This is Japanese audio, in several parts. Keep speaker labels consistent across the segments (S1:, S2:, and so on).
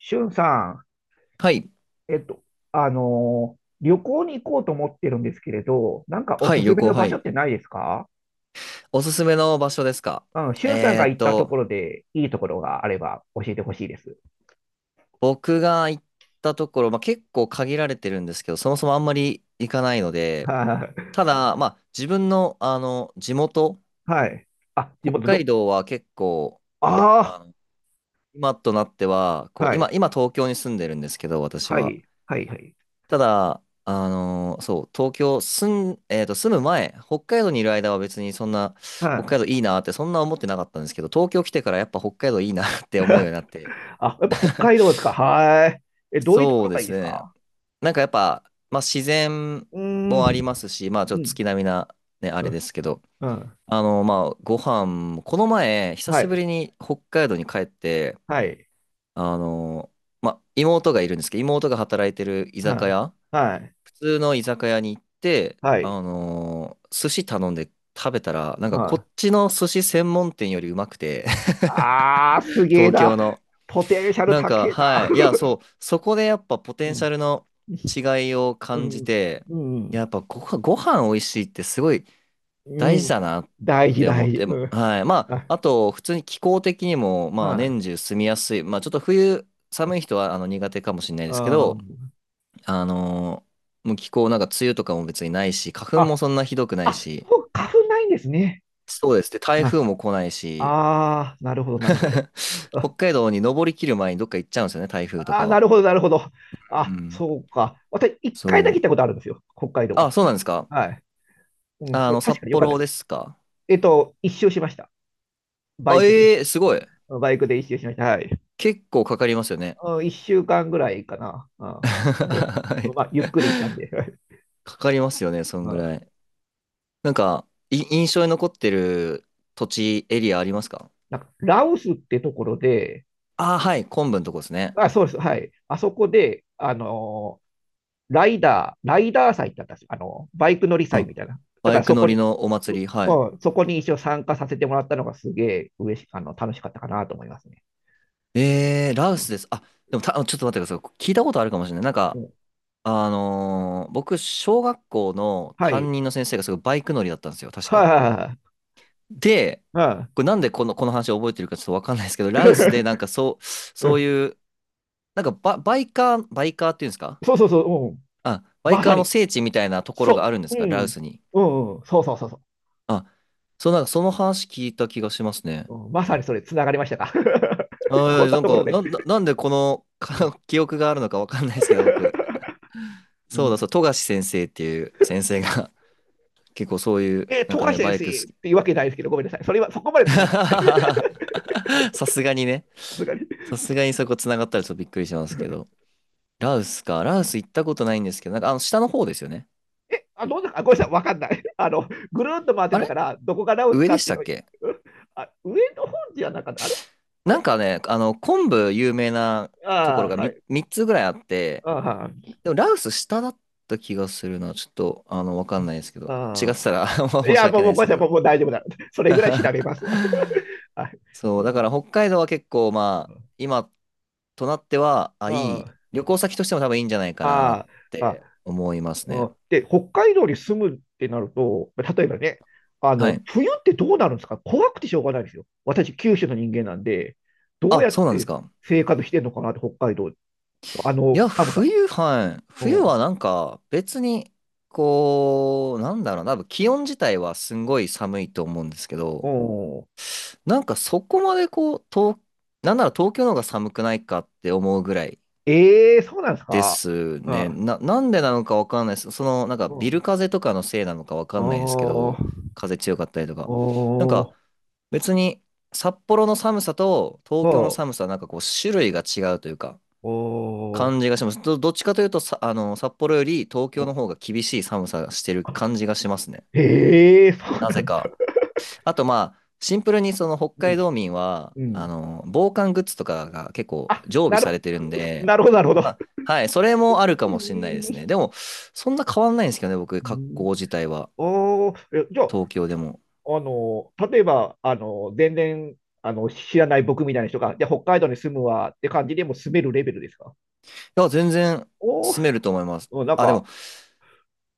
S1: しゅんさ
S2: はい。
S1: ん、旅行に行こうと思ってるんですけれど、なんかお
S2: は
S1: す
S2: い、
S1: す
S2: 旅
S1: め
S2: 行、
S1: の
S2: は
S1: 場所
S2: い。
S1: ってないですか？
S2: おすすめの場所ですか？
S1: うん、しゅんさん
S2: え
S1: が
S2: ーっ
S1: 行ったと
S2: と、
S1: ころでいいところがあれば教えてほしいです。
S2: 僕が行ったところ、まあ、結構限られてるんですけど、そもそもあんまり行かないの で、
S1: はい。
S2: ただ、まあ、自分の、地元、
S1: はい。あ、地
S2: 北
S1: 元
S2: 海
S1: ど、
S2: 道は結構、
S1: あ
S2: あの、今となっては、
S1: あ、
S2: こう、
S1: は
S2: 今、
S1: い。
S2: 今東京に住んでるんですけど、私
S1: は
S2: は。
S1: い。はい。はい。
S2: ただ、そう、東京住ん、えーっと、住む前、北海道にいる間は別にそんな、
S1: うん。
S2: 北海
S1: あ、
S2: 道いいなってそんな思ってなかったんですけど、東京来てからやっぱ北海道いいなって思うようになって、
S1: やっぱ北海道ですか？はい。え、どういうとこ
S2: そう
S1: ろ
S2: で
S1: がいいで
S2: す
S1: す
S2: ね。
S1: か？
S2: なんかやっぱ、まあ自然
S1: うー
S2: もあり
S1: ん。
S2: ますし、まあちょ
S1: う
S2: っと
S1: ん。
S2: 月並みなね、あれですけど、
S1: うん。
S2: まあご飯も、この前、久
S1: は
S2: しぶ
S1: い。
S2: りに北海道に帰って、
S1: はい。
S2: あの、まあ妹がいるんですけど、妹が働いてる居
S1: は
S2: 酒
S1: い。
S2: 屋、
S1: はい。
S2: 普通の居酒屋に行って、
S1: はい。
S2: 寿司頼んで食べたら、なんかこ
S1: は
S2: っ
S1: い。
S2: ちの寿司専門店よりうまくて、
S1: ああ、すげえ
S2: 東
S1: な。
S2: 京の。
S1: ポテンシャル
S2: なん
S1: 高
S2: か、
S1: えな。
S2: は い。いや、そう。そこでやっぱポテ
S1: う
S2: ンシャ
S1: ん、
S2: ルの違いを
S1: う
S2: 感じ
S1: ん、
S2: て、
S1: う
S2: や
S1: ん、
S2: っぱご飯美味しいってすごい
S1: う
S2: 大事
S1: ん。
S2: だなっ
S1: 大事、
S2: て思
S1: 大
S2: っ
S1: 事。
S2: て、
S1: うん。
S2: はい。ま
S1: あ、
S2: あ、あと、普通に気候的にも、まあ、
S1: はい。
S2: 年中住みやすい。まあ、ちょっと冬、寒い人は苦手かもしれない
S1: あ
S2: ですけ
S1: ー
S2: ど、あのーもう気候なんか梅雨とかも別にないし、花粉も
S1: あ、
S2: そんなひどくない
S1: あ、
S2: し、
S1: そう、花粉ないんですね。
S2: そうですね。台
S1: あ
S2: 風も来ないし、
S1: あー、なるほど、なるほど。
S2: 北
S1: あ
S2: 海道に登りきる前にどっか行っちゃうんですよね、台風と
S1: あー、
S2: か
S1: な
S2: は。
S1: るほど、なるほど。
S2: う
S1: あ、
S2: ん。
S1: そうか。私、一回だ
S2: そ
S1: け行った
S2: う。
S1: ことあるんですよ、北海道
S2: あ、
S1: は。
S2: そうなんですか？
S1: はい。うん、それ確
S2: 札
S1: かに良かった
S2: 幌
S1: です。
S2: ですか？
S1: 一周しました。バ
S2: あ、
S1: イクで。
S2: ええすごい。
S1: バイクで一周しました。はい。
S2: 結構かかりますよね。
S1: うん、1週間ぐらいかな。う
S2: は
S1: ん
S2: い。
S1: まあ、ゆっくり行ったんで。
S2: かかりますよね、そ
S1: う
S2: んぐ
S1: ん、
S2: らい。なんか、印象に残ってる土地、エリアありますか？
S1: なんかラオスってところで、
S2: ああ、はい、昆布のとこですね。
S1: あ、そうです、はい。あそこで、ライダー祭ってあったんですよ。あの、バイク乗り祭
S2: あ、
S1: みたいな。だ
S2: バ
S1: から
S2: イク
S1: そ
S2: 乗
S1: こ
S2: り
S1: に、
S2: のお
S1: う、
S2: 祭り、はい。
S1: うん、そこに一応参加させてもらったのがすげえ嬉し、あの、楽しかったかなと思いますね。
S2: ラウ
S1: う
S2: ス
S1: ん、
S2: です。あ、でも、ちょっと待ってください。聞いたことあるかもしれない。なん
S1: う
S2: か、
S1: ん、
S2: 僕、小学校の
S1: は
S2: 担
S1: い。
S2: 任の先生がすごいバイク乗りだったんですよ、確
S1: はい
S2: か。
S1: はいは
S2: で、
S1: いは
S2: これなんでこの話を覚えてるかちょっとわかんないですけど、ラオスでなんかそう、
S1: い。うん う
S2: そう
S1: ん、
S2: いう、なんかバイカーっていうんですか？
S1: そうそうそう、うん。
S2: あ、バイ
S1: まさ
S2: カーの
S1: に。
S2: 聖地みたいなところが
S1: そ
S2: あるんで
S1: う。
S2: す
S1: う
S2: か？ラオ
S1: ん。
S2: スに。
S1: うん、うん。そうそうそうそう。
S2: あ、そう、なんかその話聞いた気がしますね。
S1: うん、まさにそれ、つながりましたか。こ
S2: あ
S1: ん
S2: あ
S1: な
S2: なん
S1: ところ
S2: か、
S1: で。
S2: なんでこの
S1: うん、
S2: か 記憶があるのかわかんないですけど、僕。
S1: う
S2: そう
S1: ん、
S2: だ、そう、富樫先生っていう先生が 結構そういう、
S1: えー、
S2: なん
S1: 溶
S2: か
S1: かし
S2: ね、
S1: てで
S2: バイ
S1: す
S2: ク
S1: し
S2: 好き。
S1: っていうわけないですけど、ごめんなさい。それはそこまでつながらないです。
S2: さすがにね。
S1: さすがに。
S2: さすがにそこ繋がったらちょっとびっくりしますけど。ラウスか。ラウス行ったことないんですけど、なんかあの下の方ですよね。
S1: あ、どうだか、ごめんなさい、わかんない。あの、ぐるっと回ってん
S2: あ
S1: だか
S2: れ
S1: ら、どこが直す
S2: 上
S1: か
S2: で
S1: っ
S2: し
S1: てい
S2: た
S1: うの
S2: っ
S1: を、
S2: け？
S1: あ、上の方じゃなかった。あれ？あ
S2: なん
S1: れ？
S2: かね、昆布有名なと
S1: あ
S2: ころ
S1: あ、
S2: が
S1: は い。
S2: 三つぐらいあって、
S1: ああ、はい。
S2: でもラウス下だった気がするな。ちょっと、わかんないですけど。違って
S1: あ
S2: たら
S1: あ。い
S2: 申し
S1: や、も
S2: 訳
S1: う、
S2: ない
S1: ご
S2: で
S1: めん
S2: す
S1: な
S2: け
S1: さい、
S2: ど。
S1: もう大丈夫だ。それぐらい調べま すわ。はい。
S2: そ
S1: う
S2: う、だ
S1: ん。
S2: から北海道は結構まあ、今となっては、あ、いい。旅行先としても多分いいんじゃないかなっ
S1: あ。ああ。あ、
S2: て思います
S1: う
S2: ね。
S1: ん、で、北海道に住むってなると、例えばね、あ
S2: は
S1: の
S2: い。
S1: 冬ってどうなるんですか？怖くてしょうがないですよ。私、九州の人間なんで、どう
S2: あ、
S1: やっ
S2: そうなんです
S1: て
S2: か。
S1: 生活してんのかなって、北海道、あ
S2: い
S1: の
S2: や、
S1: 寒さ。
S2: 冬はい、
S1: う
S2: 冬
S1: ん、
S2: はなんか別に、こう、なんだろうな、多分気温自体はすんごい寒いと思うんですけ
S1: う
S2: ど、
S1: ん、
S2: なんかそこまでこう、なんなら東京の方が寒くないかって思うぐらい
S1: ええー、そうなんです
S2: で
S1: か。
S2: す
S1: う
S2: ね。
S1: ん、
S2: なんでなのかわかんないです。なんか
S1: う
S2: ビ
S1: ん、
S2: ル風とかのせいなのかわかんないですけ
S1: お
S2: ど、
S1: ー、
S2: 風強かったりとか。なん
S1: お
S2: か
S1: ー、
S2: 別に札幌の寒さと
S1: お
S2: 東京の
S1: ー、
S2: 寒さはなんかこう種類が違うというか、
S1: おー、
S2: 感じがします。どっちかというとさ、札幌より東京
S1: お、
S2: の方が厳しい寒さがしてる感じがしますね。
S1: ええー、そう
S2: な
S1: な
S2: ぜ
S1: んです。
S2: か。あと、まあ、シンプルにその北
S1: う
S2: 海
S1: ん、
S2: 道民は、
S1: うん。
S2: 防寒グッズとかが結構
S1: あ、
S2: 常備
S1: なる
S2: さ
S1: ほ
S2: れてるん
S1: ど、
S2: で、
S1: なるほど、なるほど。
S2: まあ、はい、それもあるか
S1: う
S2: もしれないですね。
S1: ん、
S2: でも、そんな変わんないんですけどね、僕、
S1: う
S2: 格
S1: ん、
S2: 好自体は、
S1: おー、え、じゃあ、
S2: 東京でも。
S1: あの、例えば、あの、全然、あの、知らない僕みたいな人が、じゃあ北海道に住むわって感じでもう住めるレベルですか？
S2: いや、全然
S1: おお
S2: 住め
S1: ー、
S2: ると思います。
S1: うん、なん
S2: あ、で
S1: か、
S2: も、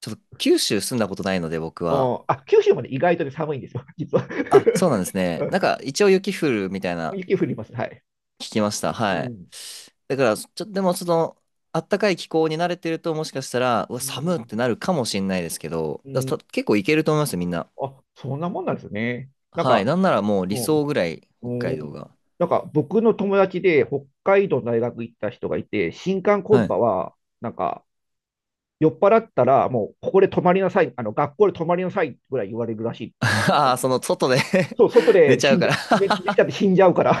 S2: ちょっと九州住んだことないので、僕
S1: う
S2: は。
S1: ん、あ、九州まで意外とね、寒いんですよ、実は。
S2: あ、そうなんです
S1: う
S2: ね。なん
S1: ん、
S2: か、一応雪降るみたいな
S1: 雪降ります、はい。
S2: 聞きました。
S1: う
S2: はい。
S1: ん、
S2: だから、ちょっとでも、あったかい気候に慣れてると、もしかしたら、うわ、
S1: う
S2: 寒っ
S1: ん、
S2: てなるかもしれないですけど、
S1: う
S2: だ
S1: ん。
S2: た結構いけると思いますよ、みんな。
S1: あ、そんなもんなんですね。なん
S2: はい。
S1: か、
S2: なんならもう
S1: う
S2: 理想
S1: ん、
S2: ぐらい、
S1: う
S2: 北海道
S1: ん。
S2: が。
S1: なんか、僕の友達で北海道の大学行った人がいて、新歓コ
S2: は
S1: ン
S2: い。
S1: パは、なんか、酔っ払ったら、もうここで泊まりなさい、あの学校で泊まりなさいぐらい言われるらしい。
S2: ああ、外で
S1: そう、外
S2: 寝
S1: で
S2: ちゃ
S1: 死
S2: う
S1: んじ
S2: か
S1: ゃ
S2: ら
S1: 寝ちゃって死んじゃうから っ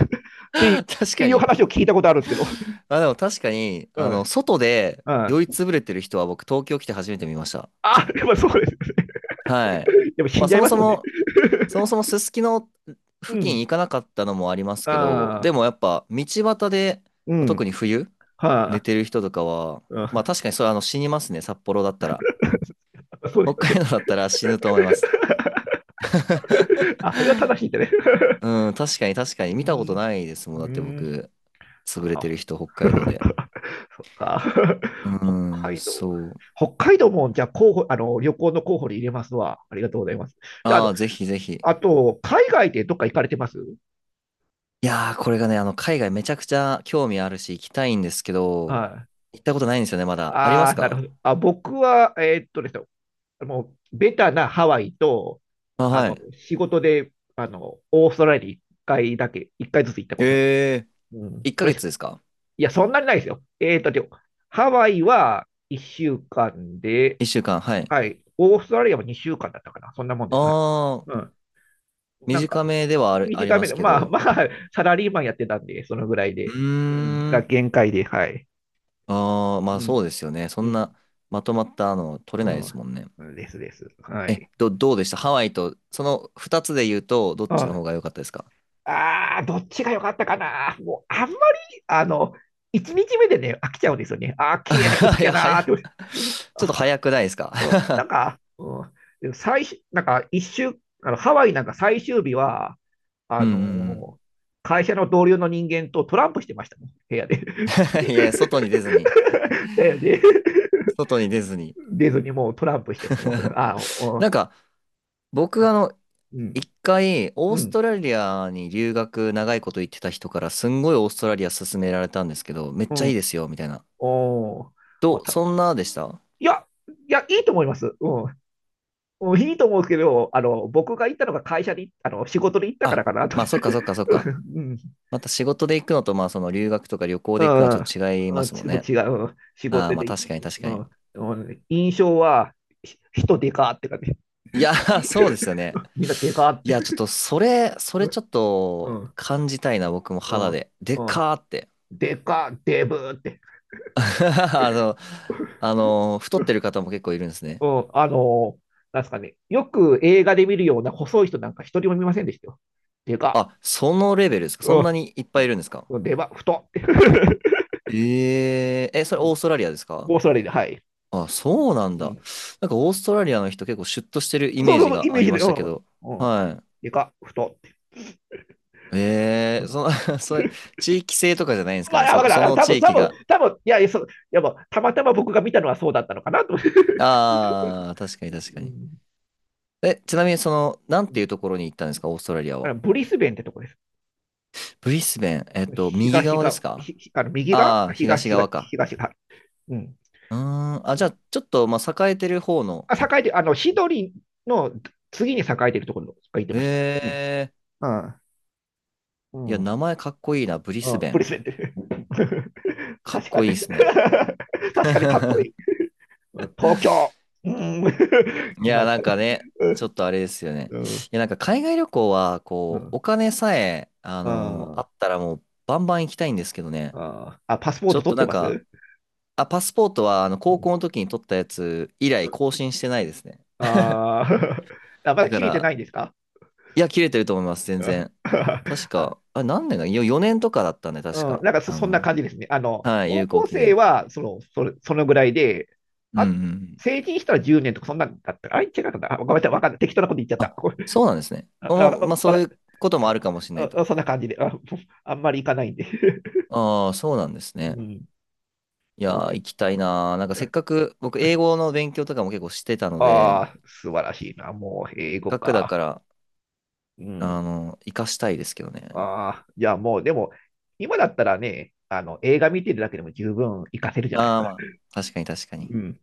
S1: ていう、っ
S2: 確
S1: て
S2: か
S1: いう
S2: に。
S1: 話を聞いたことあるんですけど。
S2: あ、でも確かに、
S1: うん。うん。
S2: 外で
S1: あ、
S2: 酔いつぶれてる人は僕、東京来て初めて見ました。
S1: やっぱそうですよね。
S2: はい。
S1: やっぱ死
S2: ま
S1: ん
S2: あ、
S1: じゃ
S2: そ
S1: い
S2: も
S1: ます
S2: そ
S1: もんね。
S2: も、そもそもすすきの
S1: う
S2: 付近
S1: ん。
S2: 行かなかったのもあります
S1: あ
S2: けど、で
S1: あ。
S2: もやっぱ道端で、
S1: う
S2: まあ特
S1: ん。
S2: に冬、
S1: は
S2: 寝
S1: あ。
S2: てる人とかは、まあ
S1: う
S2: 確かにそれ死にますね、札幌だったら。
S1: ん、そうで
S2: 北
S1: すよ
S2: 海
S1: ね。
S2: 道だったら死ぬと思います。
S1: あ、それは正しいんだね。
S2: うん、確かに確
S1: う
S2: か
S1: ー
S2: に見たこと
S1: ん。
S2: ないですもん。
S1: う
S2: だって
S1: ーん。
S2: 僕、潰れて
S1: あ
S2: る人、北海道で。
S1: そっか。
S2: う
S1: 北
S2: ーん、
S1: 海道。
S2: そう。
S1: 北海道も、じゃあ、候補、あの、旅行の候補に入れますわ。ありがとうございます。じゃあ、あ
S2: あ
S1: の、
S2: あ、ぜひぜひ。い
S1: あと、海外でどっか行かれてます？
S2: やー、これがね、海外めちゃくちゃ興味あるし、行きたいんですけど、
S1: はい。
S2: 行ったことないんですよね、まだ。ありま
S1: あ
S2: す
S1: あ、なるほ
S2: か？
S1: ど。あ、僕は、ですね、もう、ベタなハワイと、
S2: あ、
S1: あ
S2: は
S1: の、
S2: い。
S1: 仕事で、あの、オーストラリアに一回だけ、一回ずつ行ったことが、
S2: ええー。
S1: うん、
S2: 1
S1: それ
S2: ヶ
S1: し、
S2: 月ですか？
S1: いや、そんなにないですよ。でもハワイは1週間で、
S2: 1週間、はい。
S1: はい、オーストラリアも2週間だったかな、そんなもんです。はい、
S2: あ
S1: う
S2: あ、
S1: ん、なんか、
S2: 短めではあり
S1: 短
S2: ま
S1: め
S2: す
S1: で、
S2: け
S1: まあ
S2: ど。
S1: まあ、サラリーマンやってたんで、そのぐらい
S2: う
S1: で、うん、
S2: ー
S1: が
S2: ん。
S1: 限界で、はい。
S2: ああ、まあ
S1: うん、
S2: そうですよね。そ
S1: う
S2: ん
S1: ん、
S2: なまとまったの取れないですもんね。
S1: うん、ですです。は
S2: え、
S1: い。
S2: どうでしたハワイと、その二つで言うと、どっ
S1: う
S2: ちの方
S1: ん、
S2: が良かったですか？
S1: ああ、どっちが良かったかな。もう、あんまり、あの、1日目でね、飽きちゃうんですよね。ああ、綺麗な景
S2: い
S1: 色や
S2: や、
S1: な
S2: 早
S1: ー
S2: っ、
S1: って。
S2: ちょっと早くないですか？
S1: うん、なんか、うん、最終、なんか一週、あのハワイなんか最終日は、
S2: う
S1: あ
S2: んうん
S1: のー会社の同僚の人間とトランプしてましたもん、部屋で。
S2: うん。いや、外に出ずに。
S1: だよね。
S2: 外に出ずに。
S1: 出ずにもうトランプしてるもん。あ、お、
S2: なんか、僕
S1: うん、
S2: 一回、オ
S1: う
S2: ース
S1: ん、
S2: トラリアに留学長いこと言ってた人から、すんごいオーストラリア勧められたんですけど、めっ
S1: う
S2: ちゃいいで
S1: ん、
S2: すよ、みたいな。
S1: お、まあ、た、
S2: そんなでした？
S1: いや、いや、いいと思います。うん。うん、いいと思うんですけど、あの、僕が行ったのが会社に、あの、仕事で行ったから
S2: あ、
S1: かなと。
S2: まあ、そっかそっかそっか。
S1: うん。
S2: また仕事で行くのと、まあ、その留学とか旅行
S1: う
S2: で行くのはちょ
S1: ん、
S2: っと違いま
S1: うん
S2: すもん
S1: ち、もう
S2: ね。
S1: 違う、うん仕
S2: ああ、
S1: 事
S2: まあ、
S1: で、
S2: 確かに確か
S1: う
S2: に。
S1: ん、うん印象は、ひ、人でかって感じ、
S2: いやー、そうですよね。
S1: みんなでかっ
S2: い
S1: て、
S2: や、ちょっと、そ
S1: う
S2: れちょっと、
S1: ん、う
S2: 感じたいな、僕も肌
S1: ん、
S2: で。で
S1: うん、
S2: かーって。
S1: でか、デブって、
S2: あの、太ってる方も結構いるんですね。
S1: うん、なんすかね、よく映画で見るような細い人なんか一人も見ませんでしたよ。でか、
S2: あ、そのレベルですか？そんなにいっぱいいるんですか？
S1: うん、でか、太って。
S2: えええ、そ
S1: う
S2: れ
S1: ん、
S2: オーストラリアですか？
S1: オーストラリアで、はい。
S2: あ、そうなん
S1: う
S2: だ。
S1: ん、
S2: なんかオーストラリアの人結構シュッとしてるイ
S1: そう
S2: メー
S1: そう
S2: ジ
S1: そう、イ
S2: が
S1: メ
S2: あ
S1: ー
S2: り
S1: ジ
S2: ま
S1: で、う
S2: した
S1: ん、
S2: け
S1: うん、
S2: ど。は
S1: でか、太って。
S2: い。ええその それ、地域性とかじゃないんですか
S1: ま
S2: ね。
S1: あ、あ、わか
S2: そ、そ
S1: る。
S2: の地域が。
S1: 多分、いや、いや、そういやもうたまたま僕が見たのはそうだったのかなと思って。
S2: ああ、確かに確
S1: う
S2: かに。
S1: ん、
S2: え、ちなみになんていうところに行ったんですか、オーストラリア
S1: あの
S2: は。
S1: ブリスベンってとこです。
S2: ブリスベン、右
S1: 東
S2: 側で
S1: が、
S2: すか？
S1: ひ、ひ、あの右が
S2: ああー、東
S1: 東が、
S2: 側か。
S1: 東が、うん。
S2: うーん、あ、じゃあ、ちょっと、まあ、栄えてる方の。
S1: あ、栄えて、あの、シドリの次に栄えてるところが言ってました。うん。
S2: ええ
S1: ああ、う
S2: いや、
S1: ん。
S2: 名前かっこいいな、ブリ
S1: う
S2: ス
S1: ん。
S2: ベ
S1: ブリス
S2: ン。
S1: ベンって。
S2: かっ
S1: 確か
S2: こ
S1: に。
S2: いい ですね。
S1: 確かにかっこい い。東京。うん。
S2: い
S1: いま
S2: や、
S1: いち
S2: な
S1: か
S2: ん
S1: ね。
S2: かね、ちょっとあれですよね。
S1: うん。
S2: いや、なんか海外旅行は、
S1: う
S2: こう、
S1: ん。
S2: お金さえ、あ
S1: あ
S2: っ
S1: あ。
S2: たらもう、バンバン行きたいんですけどね。
S1: あーあ、パスポー
S2: ちょ
S1: ト
S2: っ
S1: 取
S2: と
S1: って
S2: なん
S1: ま
S2: か、
S1: す？
S2: あ、パスポートは、
S1: う
S2: 高校
S1: ん、
S2: の時に取ったやつ以来更新してないですね。
S1: あー あ、ま
S2: だ
S1: だ
S2: か
S1: 切れて
S2: ら、
S1: ないんですか？
S2: いや、切れてると思います、全
S1: うん
S2: 然。確
S1: あ、
S2: か、あれ、何年か、4年とかだったんで、確
S1: うん、
S2: か。
S1: なんかそ、そんな感じですね。あの、
S2: はい、
S1: 高
S2: 有効
S1: 校
S2: 期
S1: 生
S2: 限。
S1: はその、それ、そのぐらいで、
S2: うんう
S1: あ、
S2: んうん。
S1: 成人したら10年とかそんなんだったか。あ、違うかった。あ、ごめんなさい、わかんない。適当なこと言っちゃった。
S2: あ、
S1: ごめん、
S2: そうなんですね。
S1: あ、あ、
S2: まあ、そ
S1: わ
S2: うい
S1: か、
S2: うこともある
S1: そ、
S2: かもしれないと。
S1: あ、そんな感じで、あ、あんまりいかないんで。
S2: ああ、そうなんです
S1: う
S2: ね。
S1: ん、
S2: い
S1: そう
S2: やー、
S1: で
S2: 行き
S1: す。
S2: たいなー。なんかせっかく、僕、英語の勉強とかも結構してたので、
S1: ああ、素晴らしいな。もう、
S2: せっ
S1: 英語
S2: かくだ
S1: か。
S2: から、
S1: うん。
S2: 活かしたいですけどね。
S1: ああ、いや、もう、でも、今だったらね、あの、映画見てるだけでも十分活かせるじゃないです
S2: ああ、
S1: か。
S2: まあ、確かに確かに。
S1: うん。